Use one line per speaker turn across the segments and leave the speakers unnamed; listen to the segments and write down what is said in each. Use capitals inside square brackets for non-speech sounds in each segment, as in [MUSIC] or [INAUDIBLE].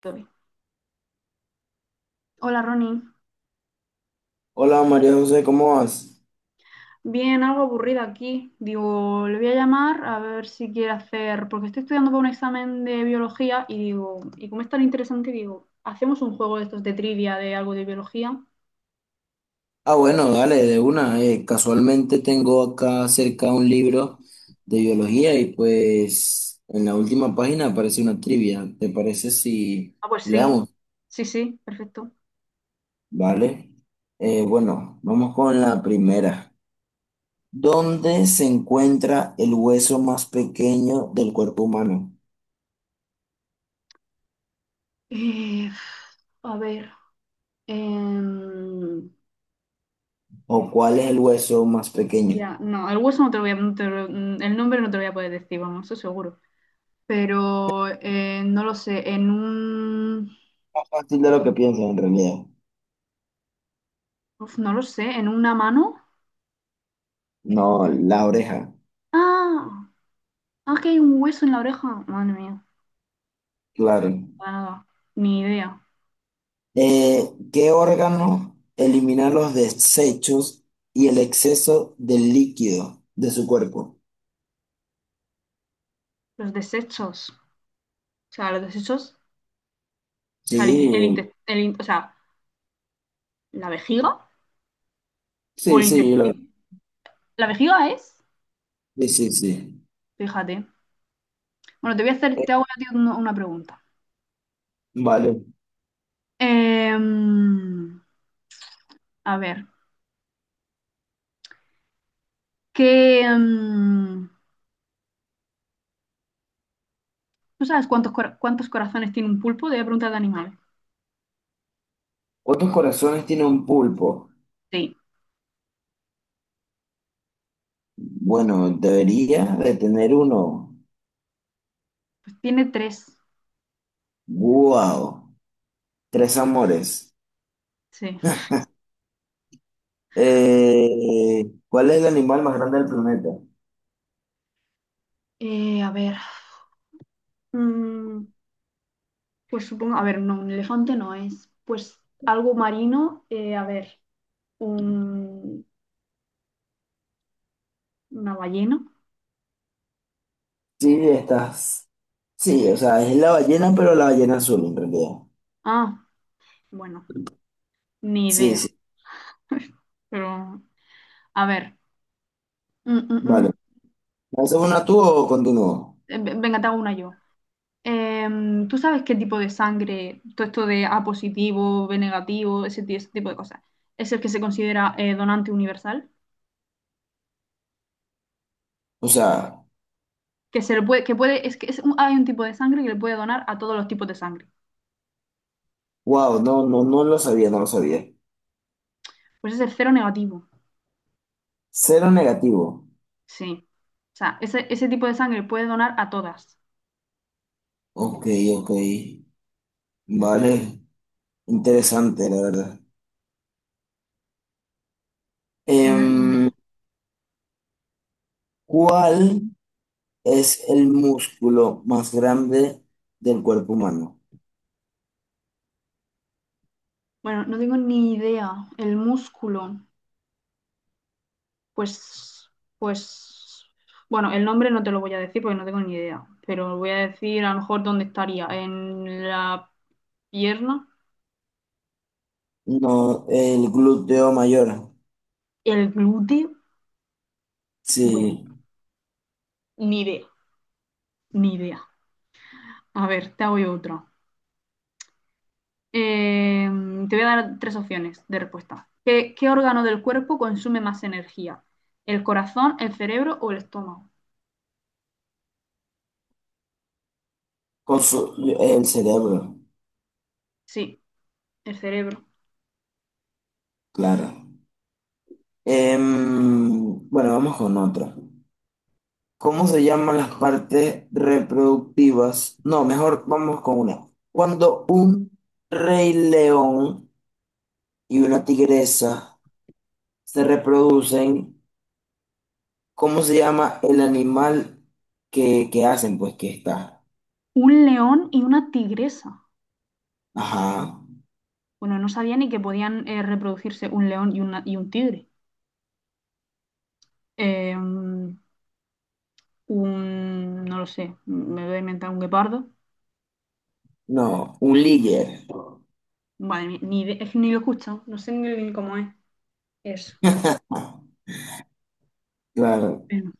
Tori. Hola Ronnie.
Hola María José, ¿cómo vas?
Bien, algo aburrida aquí. Digo, le voy a llamar a ver si quiere hacer, porque estoy estudiando para un examen de biología y digo, y como es tan interesante, digo, ¿hacemos un juego de estos de trivia de algo de biología?
Ah, bueno, dale, de una. Casualmente tengo acá cerca un libro de biología y pues en la última página aparece una trivia. ¿Te parece si
Ah, pues sí,
leamos?
sí, sí, perfecto.
Vale. Bueno, vamos con la primera. ¿Dónde se encuentra el hueso más pequeño del cuerpo humano?
Eh, a ver, em,
¿O cuál es el hueso más pequeño?
ya, no, el hueso no te lo voy a, no te lo- el nombre no te lo voy a poder decir, vamos, eso seguro. Pero no lo sé,
Más fácil de lo que piensas en realidad.
uf, no lo sé, en una mano.
No, la oreja,
Ah, Ah, que hay un hueso en la oreja. Madre mía,
claro.
para nada, ni idea.
¿Qué órgano elimina los desechos y el exceso del líquido de su cuerpo?
Los desechos. O sea, los desechos. O sea, el, in- el
Sí,
inte- el in- o sea, la vejiga o
sí,
el
sí,
intestino. La vejiga es.
sí, sí, sí.
Fíjate. Bueno,
Eh,
te hago a ti una pregunta.
vale.
Em, a ver, ¿qué, em, ¿tú sabes cuántos corazones tiene un pulpo? Te voy a preguntar de animal.
¿Cuántos corazones tiene un pulpo?
Sí,
Bueno, debería de tener uno.
pues tiene tres.
¡Wow! Tres amores.
Sí.
¿Cuál es el animal más grande del planeta?
A ver. Mm, Pues supongo, a ver, no, un elefante no es. Pues algo marino, a ver, un, una ballena.
Sí, estás. Sí, o sea, es la ballena, pero la ballena azul en realidad.
Ah, bueno, ni
Sí,
idea,
sí.
pero a ver. mm, mm,
Vale.
mm,
¿Lanzas una tú o continúo?
Venga, te hago una yo. ¿Tú sabes qué tipo de sangre, todo esto de A positivo, B negativo, ese tipo de cosas, es el que se considera donante universal?
O sea,
Que se le puede, que puede, es que es un- hay un tipo de sangre que le puede donar a todos los tipos de sangre.
wow, no, no, no lo sabía, no lo sabía.
Pues ese es cero negativo.
Cero negativo.
Sí. O sea, ese tipo de sangre puede donar a todas.
Ok, ok. Vale, interesante, la verdad.
Venga.
Em, ¿cuál es el músculo más grande del cuerpo humano?
Bueno, no tengo ni idea. El músculo, pues, pues, bueno, el nombre no te lo voy a decir porque no tengo ni idea, pero voy a decir a lo mejor dónde estaría, en la pierna,
No, el glúteo mayor.
el glúteo. Bueno,
Sí,
ni idea, ni idea. A ver, te hago yo otra. Eh, te voy a dar tres opciones de respuesta. ¿Qué órgano del cuerpo consume más energía? ¿El corazón, el cerebro o el estómago?
con su- el cerebro,
Sí, el cerebro.
claro. Em, bueno, vamos con otra. ¿Cómo se llaman las partes reproductivas? No, mejor vamos con una. Cuando un rey león y una tigresa se reproducen, ¿cómo se llama el animal que hacen? Pues que está.
Un león y una tigresa.
Ajá.
Bueno, no sabía ni que podían reproducirse un león y, una, y un tigre. Eh, un, no lo sé, me voy a inventar un guepardo.
No, un líder.
Vale, ni, ni de- es que ni lo he escuchado, no sé ni cómo es eso.
Claro.
Bueno,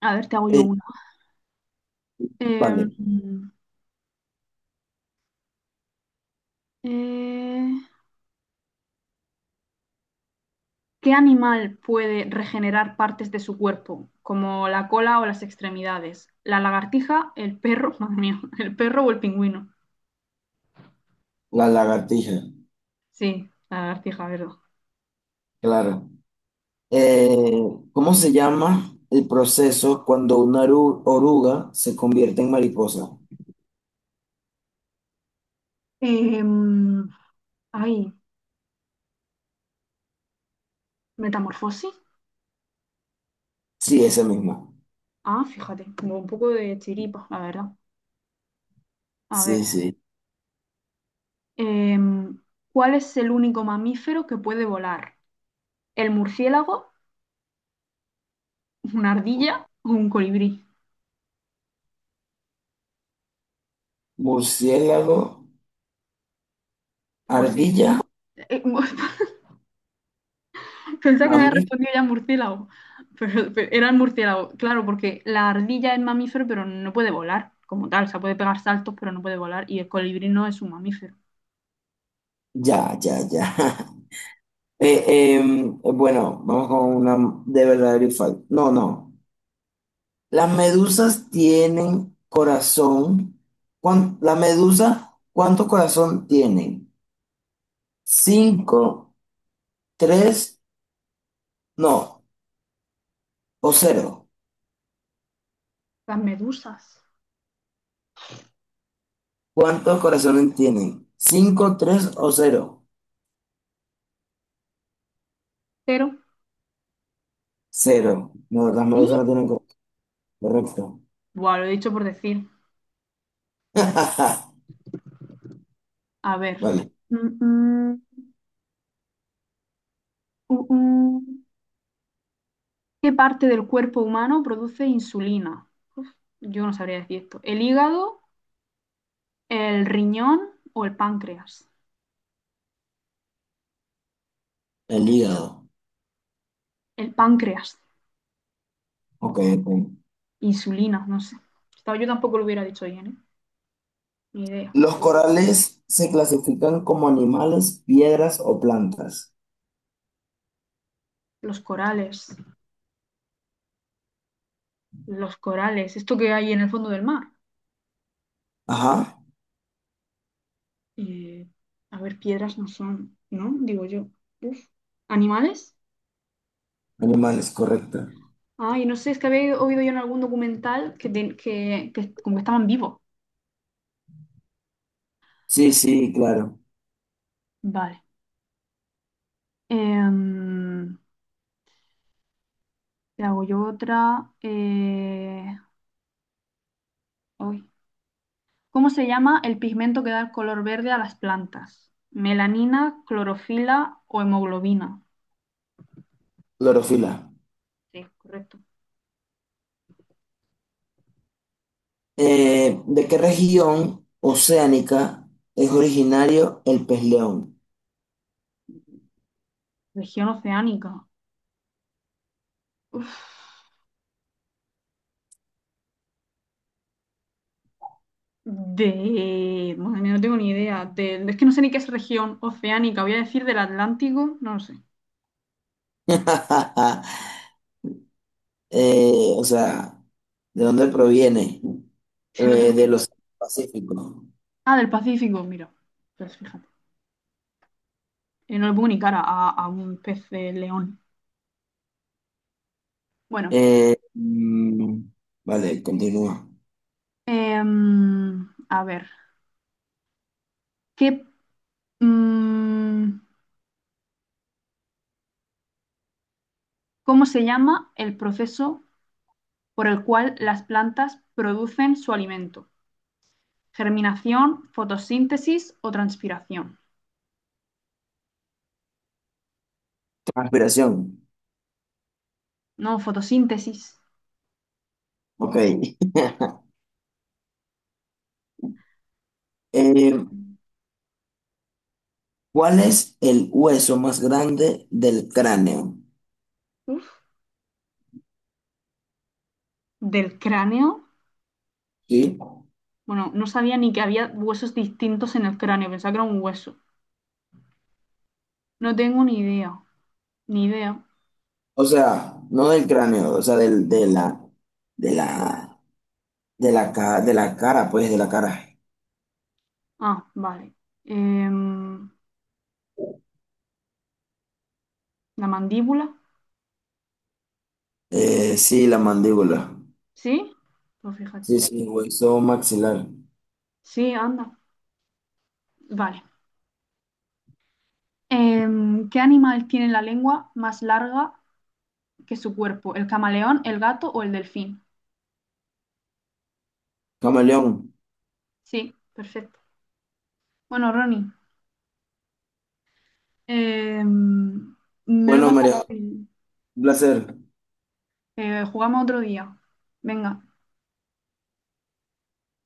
a ver, te hago yo
Eh,
una. Eh,
vale,
eh, ¿Qué animal puede regenerar partes de su cuerpo, como la cola o las extremidades? ¿La lagartija, el perro, [LAUGHS] madre mía, el perro o el pingüino?
la lagartija.
Sí, la lagartija, ¿verdad?
Claro. Eh, ¿Cómo se llama el proceso cuando una oruga se convierte en mariposa?
Em, ay, metamorfosis.
Sí, ese mismo.
Ah, fíjate, tengo un poco de chiripa, la verdad. A
Sí,
ver,
sí.
em, ¿cuál es el único mamífero que puede volar? ¿El murciélago, una ardilla o un colibrí?
Murciélago,
Pues sí.
ardilla,
Eh, mu- [LAUGHS] Pensaba que me había
mamí.
respondido ya murciélago, pero era el murciélago. Claro, porque la ardilla es mamífero, pero no puede volar como tal. O sea, puede pegar saltos, pero no puede volar. Y el colibrí no es un mamífero.
Ya, ya, ya. [LAUGHS] Bueno, vamos con una de verdadero y falso. No, no. Las medusas tienen corazón. La medusa, ¿cuánto corazón tienen? ¿Cinco, tres, no, o cero?
Las medusas.
¿Cuántos corazones tienen? ¿Cinco, tres o cero?
Pero...
Cero. No, las medusas no
¡Sí!
tienen corazón. Correcto.
Buah, lo he dicho por decir.
[LAUGHS]
A ver.
Vale,
Mm, mm, uh, uh. ¿Qué parte del cuerpo humano produce insulina? Uf, yo no sabría decir esto. ¿El hígado, el riñón o el páncreas?
el hígado.
El páncreas.
Ok, ok.
Insulina, no sé. Estaba- Yo tampoco lo hubiera dicho bien, ¿eh? Ni idea.
Los corales se clasifican como animales, piedras o plantas.
Los corales. Los corales. Esto que hay en el fondo del mar.
Ajá,
Eh, a ver, piedras no son, ¿no? Digo yo. Uf. ¿Animales?
animales, correcto.
Ay, no sé, es que había oído yo en algún documental que como que estaban vivos.
Sí, sí, claro.
Vale. Em, te hago yo otra. Ay. ¿Cómo se llama el pigmento que da el color verde a las plantas? ¿Melanina, clorofila o hemoglobina?
Clorofila.
Sí, correcto.
¿De qué región oceánica es originario el pez león?
Región oceánica. Uf, de... Madre mía, no tengo ni idea. Es que no sé ni qué es región oceánica. Voy a decir del Atlántico. No lo sé.
[LAUGHS] O sea, ¿de dónde proviene?
[LAUGHS] No tengo
Del
ni...
Océano Pacífico.
Ah, del Pacífico, mira. Pues fíjate. No le pongo ni cara a un pez de león. Bueno,
Eh, mm, vale, continúa.
a ver, ¿qué, mm, ¿cómo se llama el proceso por el cual las plantas producen su alimento? ¿Germinación, fotosíntesis o transpiración?
Transpiración.
No, fotosíntesis.
Ok. [LAUGHS] Eh, ¿cuál es el hueso más grande del cráneo?
Uf. ¿Del cráneo?
¿Sí?
Bueno, no sabía ni que había huesos distintos en el cráneo, pensaba que era un hueso. No tengo ni idea, ni idea.
O sea, no del cráneo, o sea, del, de la, de la, de la, ca- de la cara, pues, de la cara.
Ah, vale. Em, ¿La mandíbula?
Sí, la mandíbula.
¿Sí? Pues fíjate.
Sí, sí, hueso maxilar.
Sí, anda. Vale. ¿Qué animal tiene la lengua más larga que su cuerpo? ¿El camaleón, el gato o el delfín?
Camaleón.
Sí, perfecto. Bueno, Ronnie, em, me lo he
Bueno,
pasado
María,
bien.
un placer.
Jugamos otro día. Venga.